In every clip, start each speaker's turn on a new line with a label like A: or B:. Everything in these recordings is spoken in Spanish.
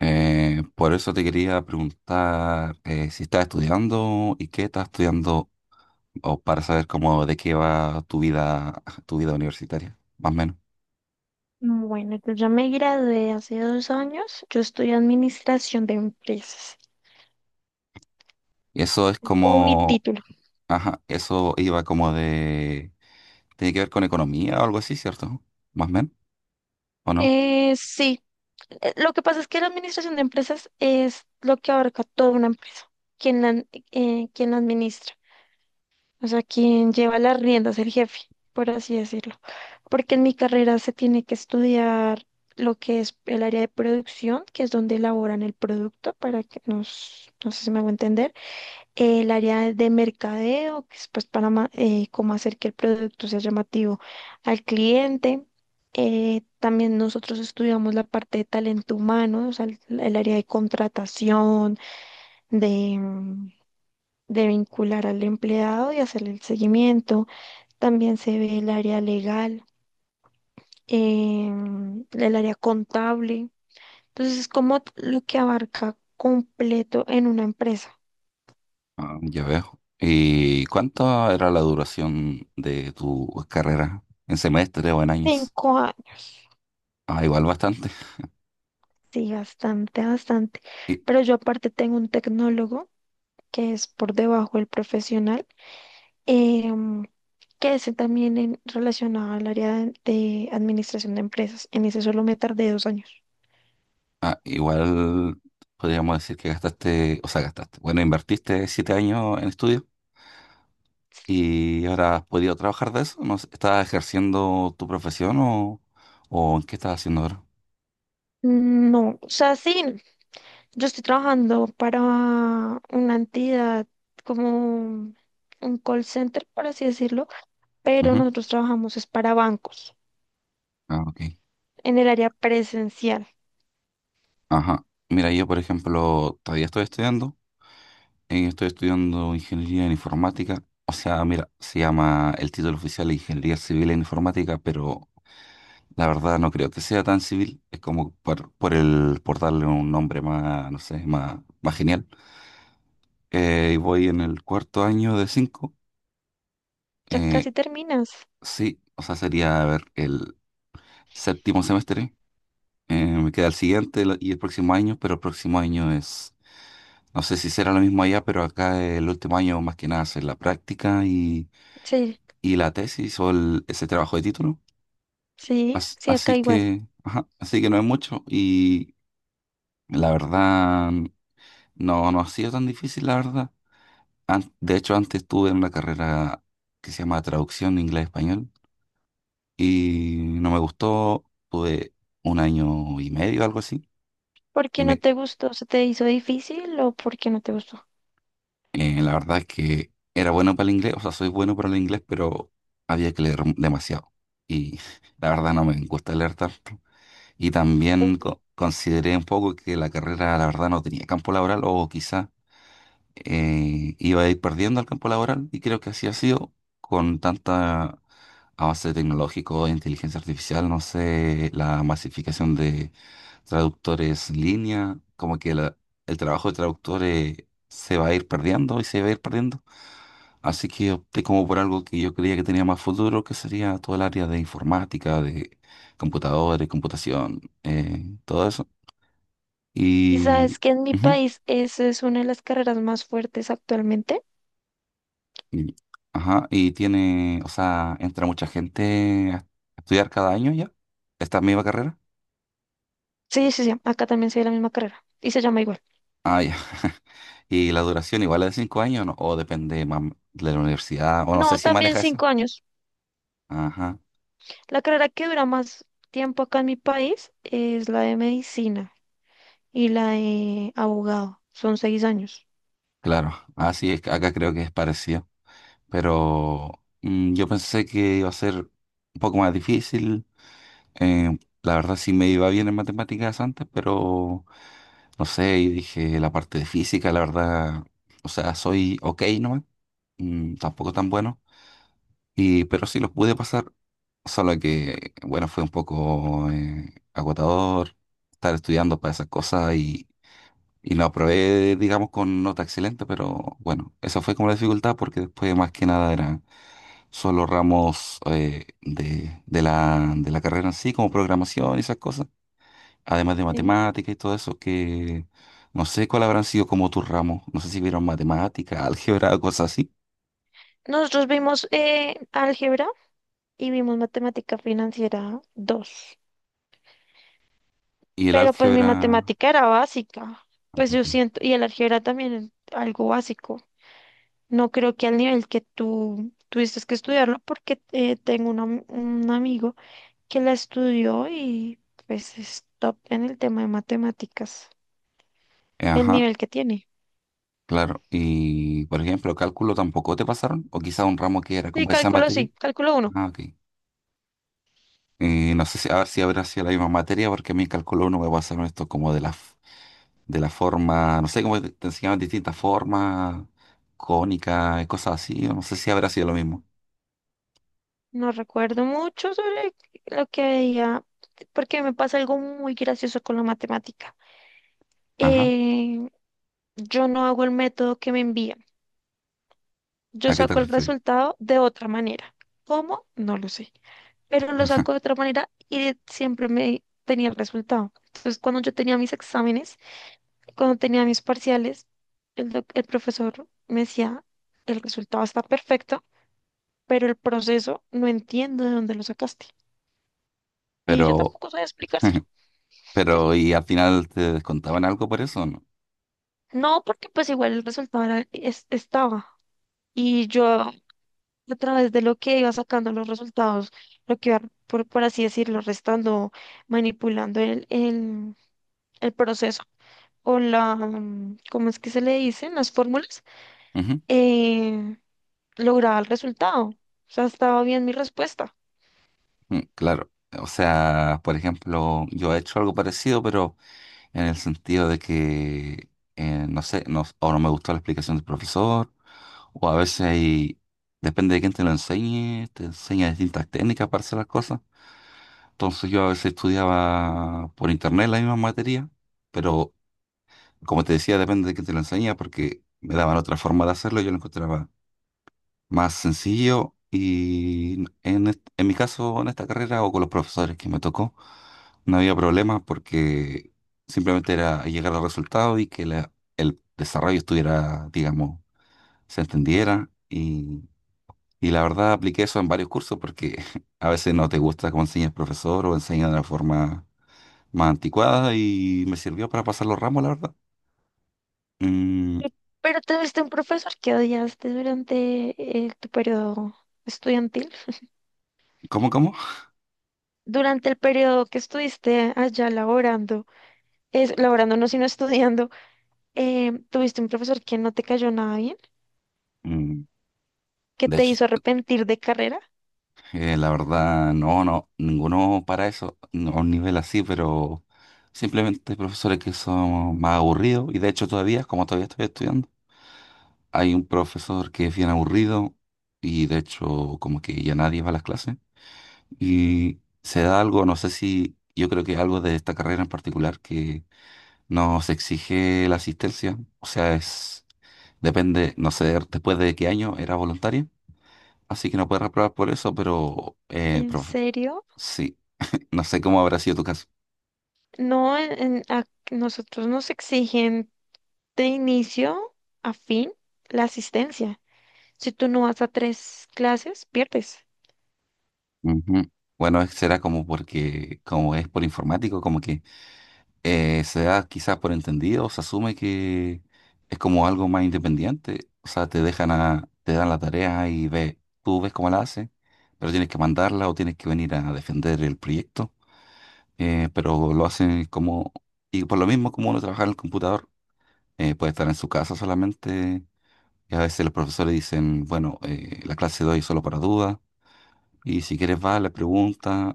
A: Por eso te quería preguntar, si estás estudiando y qué estás estudiando, o para saber cómo de qué va tu vida universitaria, más o menos.
B: Bueno, entonces yo me gradué hace 2 años. Yo estudié administración de empresas.
A: Y eso es
B: O mi
A: como,
B: título.
A: ajá, eso iba como de, tiene que ver con economía o algo así, ¿cierto? Más o menos, ¿o no?
B: Sí, lo que pasa es que la administración de empresas es lo que abarca toda una empresa. Quien la, quien la administra. O sea, quien lleva las riendas, el jefe, por así decirlo. Porque en mi carrera se tiene que estudiar lo que es el área de producción, que es donde elaboran el producto, para que nos, no sé si me hago entender el área de mercadeo, que es pues cómo hacer que el producto sea llamativo al cliente. También nosotros estudiamos la parte de talento humano, o sea, el área de contratación, de, mm, de vincular al empleado y hacerle el seguimiento. También se ve el área legal, el área contable. Entonces es como lo que abarca completo en una empresa.
A: Ah, ya veo. ¿Y cuánto era la duración de tu carrera? ¿En semestre o en años?
B: Cinco.
A: Ah, igual bastante.
B: Sí, bastante, bastante. Pero yo aparte tengo un tecnólogo que es por debajo del profesional, em, que es también en, relacionado al área de administración de empresas. En ese solo me tardé 2 años.
A: Ah, igual podríamos decir que gastaste, o sea, gastaste. Bueno, invertiste 7 años en estudio y ahora has podido trabajar de eso. ¿No sé, estás ejerciendo tu profesión o qué estás haciendo ahora?
B: No, o sea, sí, yo estoy trabajando para una entidad como un call center, por así decirlo, pero
A: Ujú.
B: nosotros trabajamos es para bancos
A: Ah, ok.
B: en el área presencial.
A: Ajá. Mira, yo, por ejemplo, todavía estoy estudiando. Estoy estudiando ingeniería en informática. O sea, mira, se llama el título oficial Ingeniería Civil en Informática, pero la verdad no creo que sea tan civil, es como por por darle un nombre más, no sé, más genial. Y voy en el cuarto año de cinco.
B: Ya
A: eh,
B: casi terminas.
A: sí, o sea, sería, a ver, el séptimo semestre. Me queda el siguiente y el próximo año, pero el próximo año es, no sé si será lo mismo allá, pero acá el último año más que nada es la práctica
B: Sí,
A: y la tesis ese trabajo de título.
B: sí, sí,
A: Así
B: acá igual.
A: que, ajá, así que no es mucho y la verdad... no, no ha sido tan difícil, la verdad. De hecho, antes estuve en una carrera que se llama traducción de inglés-español y no me gustó. Tuve un año y medio, algo así.
B: ¿Por
A: Y
B: qué no
A: me,
B: te gustó? ¿Se te hizo difícil o por qué no te gustó?
A: la verdad es que era bueno para el inglés, o sea, soy bueno para el inglés, pero había que leer demasiado. Y la verdad no me gusta leer tanto. Y también consideré un poco que la carrera, la verdad, no tenía campo laboral o quizás iba a ir perdiendo el campo laboral y creo que así ha sido con tanta avance tecnológico, inteligencia artificial, no sé, la masificación de traductores en línea, como que el trabajo de traductores se va a ir perdiendo y se va a ir perdiendo. Así que opté como por algo que yo creía que tenía más futuro, que sería todo el área de informática, de computadores, computación, todo eso.
B: Y
A: Y...
B: sabes que en mi
A: ujú.
B: país eso es una de las carreras más fuertes actualmente.
A: Y- ajá, y tiene, o sea, entra mucha gente a estudiar cada año ya, esta misma carrera.
B: Sí, sí, sí, acá también se ve la misma carrera y se llama igual.
A: Ah, ya. Y la duración igual es de 5 años, ¿no? O depende de la universidad, o no sé
B: No,
A: si
B: también
A: maneja esa.
B: 5 años.
A: Ajá,
B: La carrera que dura más tiempo acá en mi país es la de medicina y la de abogado. Son 6 años.
A: claro. Ah, sí, es que acá creo que es parecido. Pero yo pensé que iba a ser un poco más difícil. Eh, la verdad sí me iba bien en matemáticas antes, pero no sé, y dije la parte de física, la verdad, o sea, soy ok nomás, tampoco tan buenos, pero sí los pude pasar, solo que, bueno, fue un poco agotador estar estudiando para esas cosas y, lo aprobé, digamos, con nota excelente, pero bueno, esa fue como la dificultad porque después más que nada eran solo ramos de la carrera en sí, como programación y esas cosas, además de
B: Sí.
A: matemática y todo eso que... no sé cuál habrán sido como tus ramos. No sé si vieron matemática, álgebra o cosas así.
B: Nosotros vimos álgebra y vimos matemática financiera dos.
A: Y el
B: Pero pues mi
A: álgebra.
B: matemática era básica. Pues
A: Ok.
B: yo siento, y el álgebra también es algo básico. No creo que al nivel que tú tuviste que estudiarlo, porque tengo un amigo que la estudió y pues es top en el tema de matemáticas, el
A: Ajá,
B: nivel que tiene.
A: claro. Y, por ejemplo, cálculo tampoco te pasaron, o quizá un ramo que era como esa materia.
B: Sí, cálculo uno.
A: Ah, ok. No sé si, a ver si habrá sido la misma materia, porque a mí en cálculo no me pasaron esto como de de la forma, no sé cómo te enseñaban distintas formas, cónicas, cosas así, o no sé si habrá sido lo mismo.
B: No recuerdo mucho sobre lo que veía, porque me pasa algo muy gracioso con la matemática.
A: Ajá,
B: Eh, yo no hago el método que me envían. Yo
A: ¿a qué te
B: saco el
A: refieres?
B: resultado de otra manera. ¿Cómo? No lo sé. Pero lo saco de otra manera y siempre me tenía el resultado. Entonces, cuando yo tenía mis exámenes, cuando tenía mis parciales, el profesor me decía, el resultado está perfecto, pero el proceso no entiendo de dónde lo sacaste. Y yo
A: Pero,
B: tampoco sabía explicárselo.
A: pero, ¿y al final te descontaban algo por eso o no?
B: No, porque pues igual el resultado estaba. Y yo a través de lo que iba sacando los resultados, lo que iba, por así decirlo, restando, manipulando el proceso o ¿cómo es que se le dicen? Las fórmulas,
A: Ujú,
B: eh, lograba el resultado. O sea, estaba bien mi respuesta.
A: mm, claro. O sea, por ejemplo, yo he hecho algo parecido, pero en el sentido de que, no sé, no, o no me gustó la explicación del profesor, o a veces depende de quién te lo enseñe, te enseña distintas técnicas para hacer las cosas. Entonces yo a veces estudiaba por internet la misma materia, pero como te decía, depende de quién te lo enseña, porque me daban otra forma de hacerlo y yo lo encontraba más sencillo y en mi caso, en esta carrera o con los profesores que me tocó, no había problemas porque simplemente era llegar al resultado y que el desarrollo estuviera, digamos, se entendiera y, la verdad apliqué eso en varios cursos porque a veces no te gusta cómo enseña el profesor o enseña de una forma más anticuada y me sirvió para pasar los ramos, la verdad. Mm,
B: Pero tuviste un profesor que odiaste durante tu periodo estudiantil.
A: ¿cómo, cómo?
B: Durante el periodo que estuviste allá laborando, laborando no, sino estudiando, tuviste un profesor que no te cayó nada bien.
A: Mm,
B: ¿Que
A: de
B: te
A: hecho,
B: hizo arrepentir de carrera?
A: La verdad, no, no, ninguno para eso, no, a un nivel así, pero simplemente hay profesores que son más aburridos y de hecho todavía, como todavía estoy estudiando, hay un profesor que es bien aburrido y de hecho como que ya nadie va a las clases y se da algo, no sé si, yo creo que es algo de esta carrera en particular que nos exige la asistencia, o sea, es, depende, no sé, después de qué año era voluntaria así que no puedes reprobar por eso, pero
B: ¿En serio?
A: sí. No sé cómo habrá sido tu caso.
B: No, a nosotros nos exigen de inicio a fin la asistencia. Si tú no vas a tres clases, pierdes.
A: Ujú. Bueno, será como porque, como es por informático, como que se da quizás por entendido, se asume que es como algo más independiente. O sea, te dan la tarea y tú ves cómo la haces, pero tienes que mandarla o tienes que venir a defender el proyecto. Pero lo hacen como, y por lo mismo como uno trabaja en el computador, puede estar en su casa solamente. Y a veces los profesores dicen, bueno, la clase de hoy es solo para dudas. Y si quieres le pregunta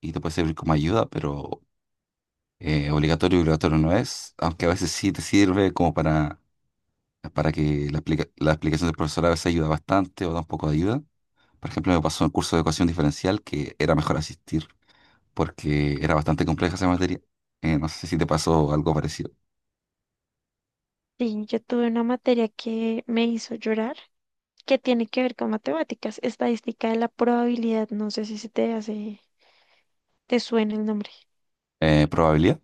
A: y te puede servir como ayuda, pero obligatorio, obligatorio no es, aunque a veces sí te sirve como para que la explicación del profesor a veces ayuda bastante o da un poco de ayuda. Por ejemplo, me pasó en el curso de ecuación diferencial que era mejor asistir porque era bastante compleja esa materia. No sé si te pasó algo parecido.
B: Sí, yo tuve una materia que me hizo llorar, que tiene que ver con matemáticas, estadística de la probabilidad. No sé si se te hace, te suena el nombre.
A: ¿Probabilidad?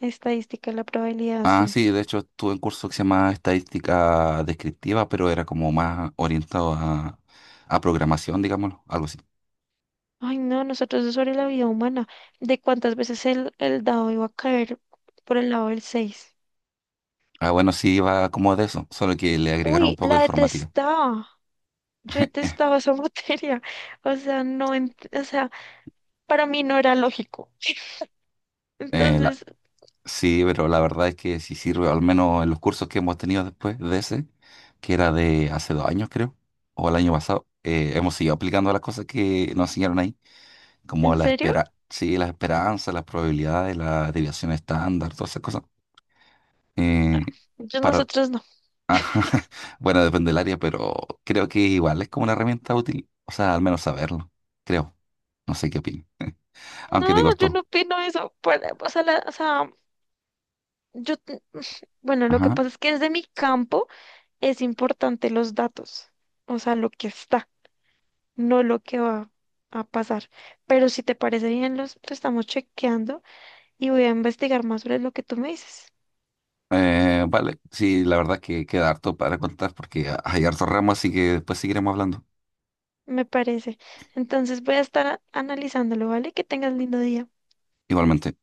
B: Estadística de la probabilidad,
A: Ah,
B: sí.
A: sí, de hecho estuve en curso que se llama estadística descriptiva, pero era como más orientado a programación, digámoslo, algo así.
B: Ay, no, nosotros es sobre la vida humana, de cuántas veces el dado iba a caer por el lado del 6.
A: Ah, bueno, sí, va como de eso, solo que le agregaron un
B: Uy,
A: poco de
B: la
A: informática.
B: detestaba. Yo detestaba esa materia. O sea, no, o sea, para mí no era lógico.
A: Eh, la-
B: Entonces,
A: sí, pero la verdad es que sí sirve, al menos en los cursos que hemos tenido después de ese, que era de hace 2 años, creo, o el año pasado, hemos seguido aplicando las cosas que nos enseñaron ahí, como
B: ¿en
A: la
B: serio?
A: espera, sí, las esperanzas, las probabilidades, la desviación estándar, todas esas cosas. Eh,
B: Yo
A: para,
B: nosotros no.
A: ajá, bueno, depende del área, pero creo que igual es como una herramienta útil, o sea, al menos saberlo, creo. No sé qué opinas,
B: No,
A: aunque te
B: yo no
A: costó.
B: opino eso. O sea, o sea, yo, bueno, lo que
A: Ajá.
B: pasa es que desde mi campo es importante los datos. O sea, lo que está, no lo que va a pasar. Pero si te parece bien, los estamos chequeando y voy a investigar más sobre lo que tú me dices.
A: Vale, sí, la verdad que queda harto para contar porque hay harto ramo, así que después seguiremos hablando.
B: Me parece. Entonces voy a estar analizándolo, ¿vale? Que tengas lindo día.
A: Igualmente.